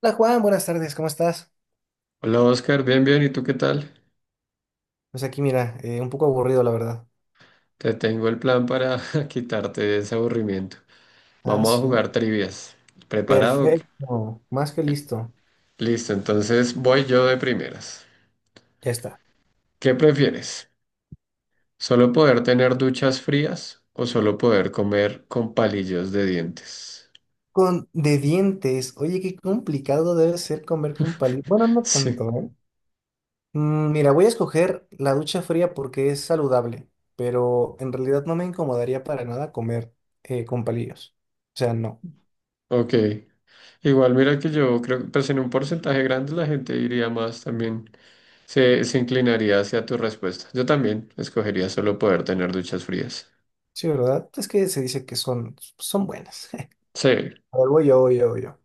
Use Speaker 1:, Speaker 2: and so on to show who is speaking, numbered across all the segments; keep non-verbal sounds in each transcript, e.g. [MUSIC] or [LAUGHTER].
Speaker 1: Hola Juan, buenas tardes, ¿cómo estás?
Speaker 2: Hola Oscar, bien, bien, ¿y tú qué tal?
Speaker 1: Pues aquí mira, un poco aburrido la verdad.
Speaker 2: Te tengo el plan para [LAUGHS] quitarte ese aburrimiento.
Speaker 1: Ah,
Speaker 2: Vamos a
Speaker 1: sí.
Speaker 2: jugar trivias. ¿Preparado?
Speaker 1: Perfecto, más que listo.
Speaker 2: Listo, entonces voy yo de primeras.
Speaker 1: Ya está.
Speaker 2: ¿Qué prefieres? ¿Solo poder tener duchas frías o solo poder comer con palillos de dientes? [LAUGHS]
Speaker 1: Con de dientes, oye, qué complicado debe ser comer con palillos. Bueno, no
Speaker 2: Sí,
Speaker 1: tanto, ¿eh? Mira, voy a escoger la ducha fría porque es saludable, pero en realidad no me incomodaría para nada comer con palillos. O sea, no.
Speaker 2: ok. Igual mira que yo creo que pues en un porcentaje grande la gente iría más también, se inclinaría hacia tu respuesta. Yo también escogería solo poder tener duchas frías.
Speaker 1: Sí, ¿verdad? Es que se dice que son buenas.
Speaker 2: Sí,
Speaker 1: [LAUGHS] A ver, voy yo, voy yo, voy yo.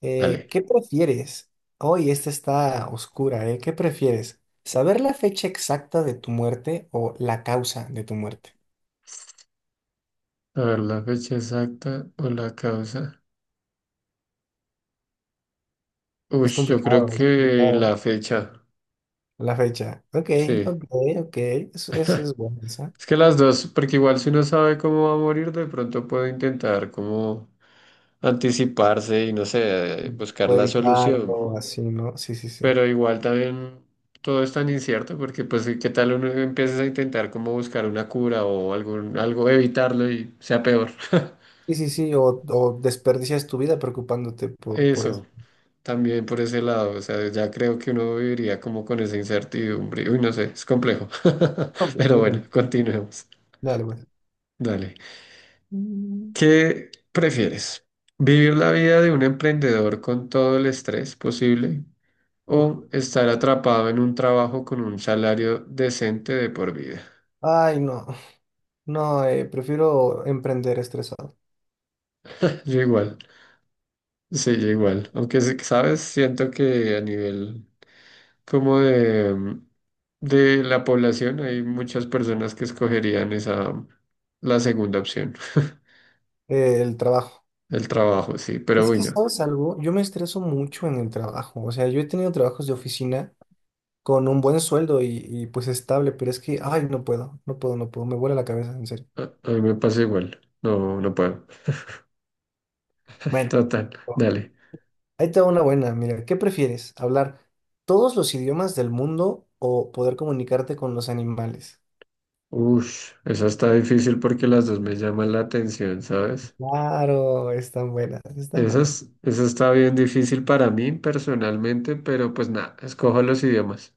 Speaker 1: Eh,
Speaker 2: dale.
Speaker 1: ¿qué prefieres? Hoy esta está oscura, ¿eh? ¿Qué prefieres? ¿Saber la fecha exacta de tu muerte o la causa de tu muerte?
Speaker 2: A ver, la fecha exacta o la causa. Uy,
Speaker 1: Es
Speaker 2: yo creo
Speaker 1: complicado, es
Speaker 2: que
Speaker 1: complicado.
Speaker 2: la fecha,
Speaker 1: La fecha. Ok,
Speaker 2: sí.
Speaker 1: ok, ok. Eso es bueno, esa.
Speaker 2: Es que las dos, porque igual si uno sabe cómo va a morir, de pronto puede intentar como anticiparse y no sé,
Speaker 1: Mm.
Speaker 2: buscar
Speaker 1: Puedo
Speaker 2: la solución.
Speaker 1: evitarlo, así, ¿no? Sí, sí, sí.
Speaker 2: Pero igual también todo es tan incierto porque pues qué tal uno empieza a intentar como buscar una cura o algún, algo, evitarlo y sea peor.
Speaker 1: Sí, sí, sí. O desperdicias tu vida preocupándote
Speaker 2: [LAUGHS]
Speaker 1: por eso.
Speaker 2: Eso. También por ese lado, o sea, ya creo que uno viviría como con esa incertidumbre. Uy, no sé, es complejo. [LAUGHS]
Speaker 1: Ok,
Speaker 2: Pero
Speaker 1: muy
Speaker 2: bueno,
Speaker 1: complicado.
Speaker 2: continuemos.
Speaker 1: Dale, pues.
Speaker 2: Dale.
Speaker 1: Mm.
Speaker 2: ¿Qué prefieres? ¿Vivir la vida de un emprendedor con todo el estrés posible
Speaker 1: Uf.
Speaker 2: o estar atrapado en un trabajo con un salario decente de por vida?
Speaker 1: Ay, no. No, prefiero emprender estresado.
Speaker 2: [LAUGHS] Yo igual. Sí, yo igual. Aunque, ¿sabes? Siento que a nivel como de, de la población hay muchas personas que escogerían esa, la segunda opción, [LAUGHS]
Speaker 1: El trabajo.
Speaker 2: el trabajo, sí, pero
Speaker 1: Es que,
Speaker 2: bueno,
Speaker 1: ¿sabes algo? Yo me estreso mucho en el trabajo. O sea, yo he tenido trabajos de oficina con un buen sueldo y pues estable, pero es que, ay, no puedo. Me vuela la cabeza, en serio.
Speaker 2: a mí me pasa igual. No, no puedo. [LAUGHS]
Speaker 1: Bueno,
Speaker 2: Total, dale.
Speaker 1: ahí te va una buena. Mira, ¿qué prefieres? ¿Hablar todos los idiomas del mundo o poder comunicarte con los animales?
Speaker 2: Ush, esa está difícil porque las dos me llaman la atención, ¿sabes?
Speaker 1: Claro, están buenas, están
Speaker 2: Esa,
Speaker 1: buenas.
Speaker 2: esa está bien difícil para mí personalmente, pero pues nada, escojo los idiomas.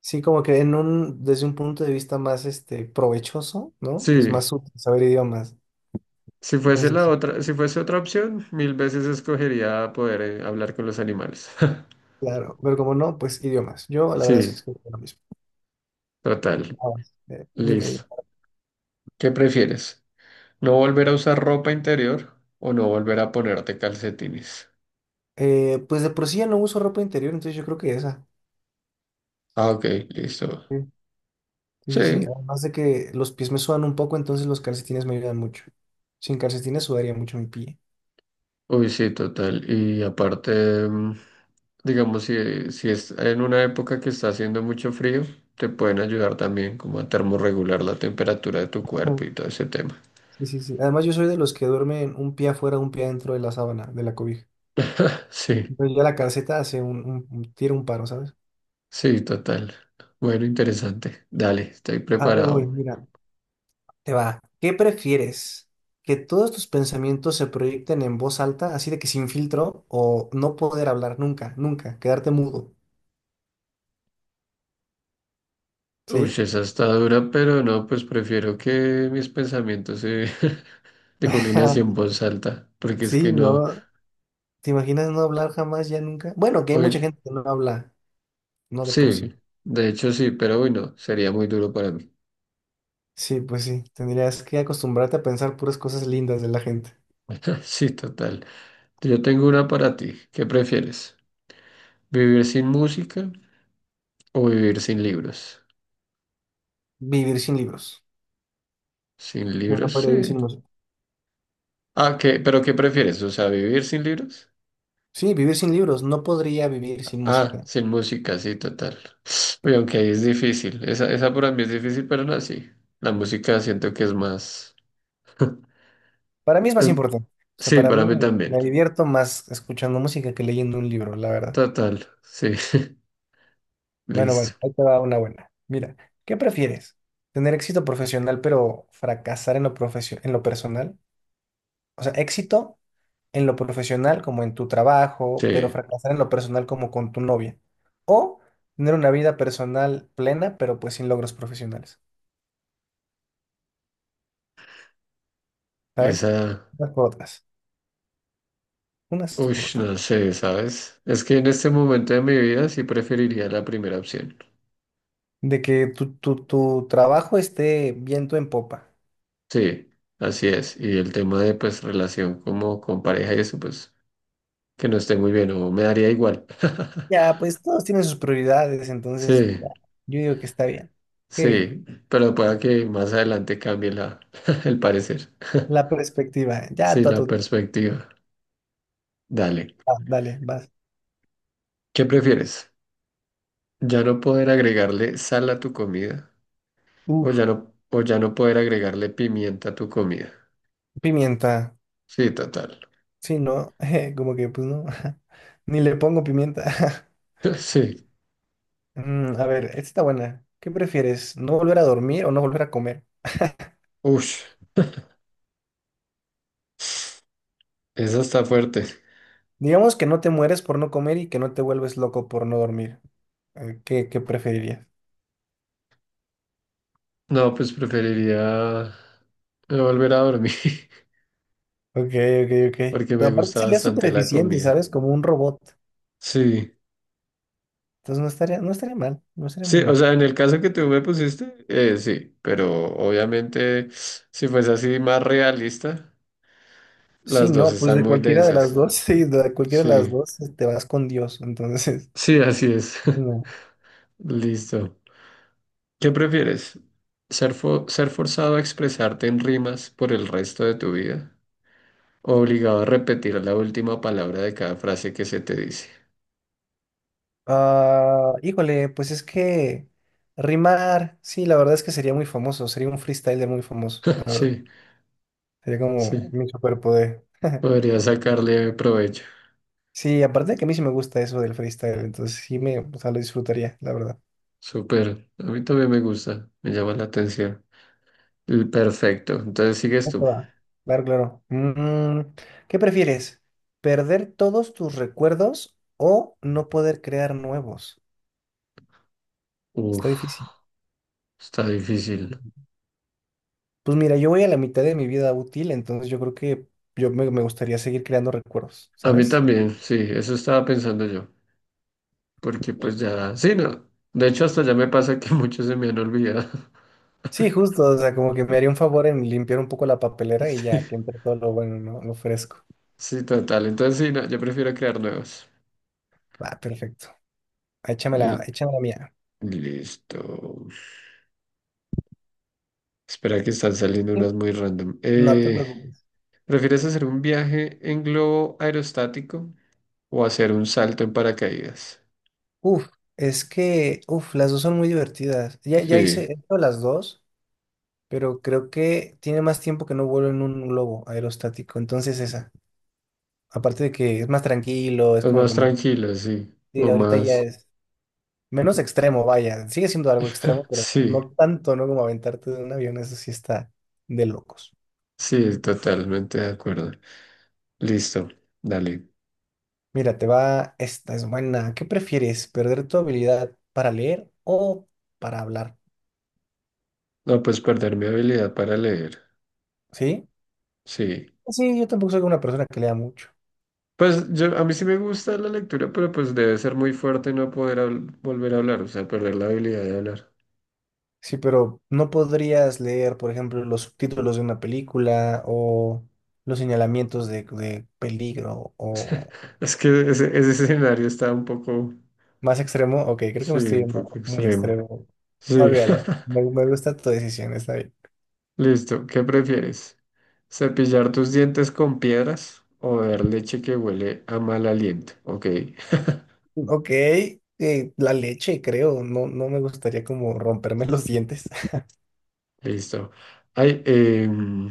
Speaker 1: Sí, como que en un, desde un punto de vista más este, provechoso, ¿no? Pues
Speaker 2: Sí,
Speaker 1: más útil saber idiomas.
Speaker 2: si fuese la
Speaker 1: Entonces,
Speaker 2: otra, si fuese otra opción, mil veces escogería poder hablar con los animales. [LAUGHS]
Speaker 1: claro, pero como no, pues idiomas. Yo la verdad es que
Speaker 2: Sí,
Speaker 1: escogería lo mismo.
Speaker 2: total.
Speaker 1: Vamos, dime, dime.
Speaker 2: Listo. ¿Qué prefieres? ¿No volver a usar ropa interior o no volver a ponerte calcetines?
Speaker 1: Pues de por sí ya no uso ropa interior, entonces yo creo que esa.
Speaker 2: Ah, ok, listo.
Speaker 1: Sí, sí, sí. Sí.
Speaker 2: Sí.
Speaker 1: Además de que los pies me sudan un poco, entonces los calcetines me ayudan mucho. Sin calcetines sudaría mucho mi pie.
Speaker 2: Uy, sí, total. Y aparte, mm, digamos, si es en una época que está haciendo mucho frío, te pueden ayudar también como a termorregular la temperatura de tu cuerpo
Speaker 1: Ujú.
Speaker 2: y todo ese tema.
Speaker 1: Sí, sí, sí. Además yo soy de los que duermen un pie afuera, un pie dentro de la sábana, de la cobija.
Speaker 2: [LAUGHS] Sí.
Speaker 1: Entonces ya la calceta hace tira un paro, ¿sabes?
Speaker 2: Sí, total. Bueno, interesante. Dale, estoy
Speaker 1: A ver, voy,
Speaker 2: preparado.
Speaker 1: mira. Te va. ¿Qué prefieres? ¿Que todos tus pensamientos se proyecten en voz alta, así de que sin filtro, o no poder hablar nunca, nunca, quedarte mudo?
Speaker 2: Uy,
Speaker 1: ¿Sí?
Speaker 2: esa está dura, pero no, pues prefiero que mis pensamientos se [LAUGHS] dejen así
Speaker 1: [LAUGHS]
Speaker 2: en voz alta, porque es
Speaker 1: Sí,
Speaker 2: que no.
Speaker 1: no. ¿Te imaginas no hablar jamás, ya nunca? Bueno, que hay mucha
Speaker 2: Bueno,
Speaker 1: gente que no habla, no de por sí.
Speaker 2: sí, de hecho sí, pero bueno, sería muy duro para mí.
Speaker 1: Sí, pues sí, tendrías que acostumbrarte a pensar puras cosas lindas de la gente.
Speaker 2: [LAUGHS] Sí, total. Yo tengo una para ti. ¿Qué prefieres? ¿Vivir sin música o vivir sin libros?
Speaker 1: Vivir sin libros.
Speaker 2: Sin
Speaker 1: Yo no
Speaker 2: libros,
Speaker 1: podría
Speaker 2: sí.
Speaker 1: vivir sin música.
Speaker 2: Ah, ¿qué? ¿Pero qué prefieres? O sea, ¿vivir sin libros?
Speaker 1: Sí, vivir sin libros. No podría vivir sin
Speaker 2: Ah,
Speaker 1: música.
Speaker 2: sin música, sí, total. [SNIFFS] Oye, aunque ahí es difícil. Esa para mí es difícil, pero no, así. La música siento que es más. [LAUGHS]
Speaker 1: Para mí es
Speaker 2: es-
Speaker 1: más importante. O sea,
Speaker 2: Sí,
Speaker 1: para
Speaker 2: para mí
Speaker 1: mí
Speaker 2: también.
Speaker 1: me divierto más escuchando música que leyendo un libro, la verdad.
Speaker 2: Total, sí. [LAUGHS]
Speaker 1: Bueno, bueno,
Speaker 2: Listo.
Speaker 1: ahí te va una buena. Mira, ¿qué prefieres? ¿Tener éxito profesional pero fracasar en lo en lo personal? O sea, éxito en lo profesional como en tu trabajo, pero
Speaker 2: Sí,
Speaker 1: fracasar en lo personal como con tu novia. O tener una vida personal plena, pero pues sin logros profesionales. ¿Sabes?
Speaker 2: esa.
Speaker 1: Unas por otras. Unas
Speaker 2: Uy,
Speaker 1: por otras.
Speaker 2: no sé, ¿sabes? Es que en este momento de mi vida sí preferiría la primera opción.
Speaker 1: De que tu trabajo esté viento en popa.
Speaker 2: Sí, así es. Y el tema de pues relación como con pareja y eso, pues que no esté muy bien o me daría igual. [LAUGHS]
Speaker 1: Ya, pues todos tienen sus prioridades, entonces
Speaker 2: Sí.
Speaker 1: ya, yo digo que está bien. Qué bien.
Speaker 2: Sí, pero pueda que más adelante cambie la, [LAUGHS] el parecer.
Speaker 1: La perspectiva. Ya,
Speaker 2: Sí,
Speaker 1: tú a
Speaker 2: la
Speaker 1: tu.
Speaker 2: perspectiva. Dale.
Speaker 1: Ah, dale, vas.
Speaker 2: ¿Qué prefieres? ¿Ya no poder agregarle sal a tu comida? ¿O
Speaker 1: Uf,
Speaker 2: ya no, o ya no poder agregarle pimienta a tu comida?
Speaker 1: pimienta.
Speaker 2: Sí, total.
Speaker 1: Sí, ¿no? [LAUGHS] Como que, pues no. [LAUGHS] Ni le pongo pimienta. [LAUGHS]
Speaker 2: [LAUGHS] Sí.
Speaker 1: A ver, esta está buena. ¿Qué prefieres? ¿No volver a dormir o no volver a comer?
Speaker 2: Ush. Esa está fuerte.
Speaker 1: Digamos que no te mueres por no comer y que no te vuelves loco por no dormir. ¿Qué, qué preferirías?
Speaker 2: No, pues preferiría no volver a dormir
Speaker 1: Ok, ok, ok.
Speaker 2: [LAUGHS] porque
Speaker 1: Pero
Speaker 2: me
Speaker 1: aparte
Speaker 2: gusta
Speaker 1: sería súper
Speaker 2: bastante la
Speaker 1: eficiente,
Speaker 2: comida.
Speaker 1: ¿sabes? Como un robot.
Speaker 2: Sí.
Speaker 1: Entonces no estaría mal, no estaría
Speaker 2: Sí,
Speaker 1: muy
Speaker 2: o
Speaker 1: mal.
Speaker 2: sea, en el caso que tú me pusiste, sí, pero obviamente si fuese así más realista,
Speaker 1: Sí,
Speaker 2: las dos
Speaker 1: no, pues
Speaker 2: están
Speaker 1: de
Speaker 2: muy
Speaker 1: cualquiera de las
Speaker 2: densas.
Speaker 1: dos, [LAUGHS] sí, de cualquiera de las
Speaker 2: Sí,
Speaker 1: dos te vas con Dios, entonces,
Speaker 2: sí, así es.
Speaker 1: [LAUGHS] no.
Speaker 2: [LAUGHS] Listo. ¿Qué prefieres? Ser forzado a expresarte en rimas por el resto de tu vida? ¿O obligado a repetir la última palabra de cada frase que se te dice?
Speaker 1: Ah, híjole, pues es que rimar, sí, la verdad es que sería muy famoso, sería un freestyler muy famoso,
Speaker 2: [LAUGHS]
Speaker 1: la verdad.
Speaker 2: Sí,
Speaker 1: Sería como
Speaker 2: sí.
Speaker 1: mi superpoder. [LAUGHS]
Speaker 2: Podría sacarle provecho.
Speaker 1: Sí, aparte de que a mí sí me gusta eso del freestyle, entonces o sea, lo disfrutaría, la verdad.
Speaker 2: Súper. A mí también me gusta, me llama la atención. Perfecto. Entonces sigues
Speaker 1: Ahí
Speaker 2: tú.
Speaker 1: te va. Claro, claro. Mm, ¿qué prefieres? ¿Perder todos tus recuerdos o no poder crear nuevos? Está
Speaker 2: Uf,
Speaker 1: difícil.
Speaker 2: está difícil.
Speaker 1: Pues mira, yo voy a la mitad de mi vida útil, entonces yo creo que me gustaría seguir creando recuerdos,
Speaker 2: A mí
Speaker 1: ¿sabes?
Speaker 2: también, sí, eso estaba pensando yo, porque pues ya, sí, no. De hecho, hasta ya me pasa que [LAUGHS] muchos se me han olvidado. [LAUGHS]
Speaker 1: Sí, justo, o sea, como que me haría un favor en limpiar un poco la papelera y
Speaker 2: Sí,
Speaker 1: ya que entre todo lo bueno, ¿no? Lo fresco.
Speaker 2: sí, total. Entonces, sí, no, yo prefiero crear nuevas.
Speaker 1: Ah, perfecto.
Speaker 2: L-
Speaker 1: Échamela, la mía.
Speaker 2: Listo. Espera que están saliendo
Speaker 1: Sí.
Speaker 2: unas muy random.
Speaker 1: No te preocupes.
Speaker 2: ¿Prefieres hacer un viaje en globo aerostático o hacer un salto en paracaídas?
Speaker 1: Uf, es que, uf, las dos son muy divertidas. Ya, ya hice
Speaker 2: Sí,
Speaker 1: he hecho las dos, pero creo que tiene más tiempo que no vuelo en un globo aerostático, entonces esa. Aparte de que es más tranquilo, es
Speaker 2: es
Speaker 1: como
Speaker 2: más
Speaker 1: que más...
Speaker 2: tranquilo, sí,
Speaker 1: Sí,
Speaker 2: o
Speaker 1: ahorita ya
Speaker 2: más.
Speaker 1: es... Menos extremo, vaya. Sigue siendo algo extremo,
Speaker 2: [LAUGHS]
Speaker 1: pero
Speaker 2: Sí,
Speaker 1: no tanto, ¿no? Como aventarte de un avión, eso sí está de locos.
Speaker 2: sí, totalmente de acuerdo. Listo, dale.
Speaker 1: Mira, te va, esta es buena. ¿Qué prefieres? ¿Perder tu habilidad para leer o para hablar?
Speaker 2: No, pues perder mi habilidad para leer.
Speaker 1: ¿Sí?
Speaker 2: Sí.
Speaker 1: Sí, yo tampoco soy una persona que lea mucho.
Speaker 2: Pues yo, a mí sí me gusta la lectura, pero pues debe ser muy fuerte no poder volver a hablar, o sea, perder la habilidad de hablar.
Speaker 1: Sí, pero no podrías leer, por ejemplo, los subtítulos de una película o los señalamientos de peligro
Speaker 2: [LAUGHS] O sea,
Speaker 1: o
Speaker 2: es que ese escenario está un poco,
Speaker 1: más extremo. Ok, creo que
Speaker 2: sí,
Speaker 1: me estoy
Speaker 2: un
Speaker 1: yendo
Speaker 2: poco
Speaker 1: muy
Speaker 2: extremo.
Speaker 1: extremo.
Speaker 2: Sí.
Speaker 1: Olvídalo. Me gusta tu decisión, está bien.
Speaker 2: [LAUGHS] Listo, ¿qué prefieres? ¿Cepillar tus dientes con piedras o beber leche que huele a mal aliento? Ok,
Speaker 1: Ok, la leche, creo. No, no me gustaría como romperme los dientes. [LAUGHS]
Speaker 2: [LAUGHS] listo. Ay,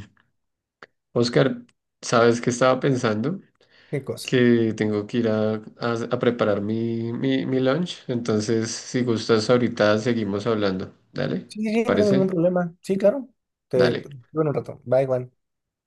Speaker 2: Oscar, ¿sabes qué estaba pensando?
Speaker 1: ¿Qué cosa?
Speaker 2: Que tengo que ir a, a preparar mi lunch. Entonces, si gustas, ahorita seguimos hablando. Dale,
Speaker 1: Sí, sí,
Speaker 2: ¿te
Speaker 1: sí, no tengo ningún
Speaker 2: parece?
Speaker 1: problema. Sí, claro. Te,
Speaker 2: Dale.
Speaker 1: bueno, un rato. Bye, Juan.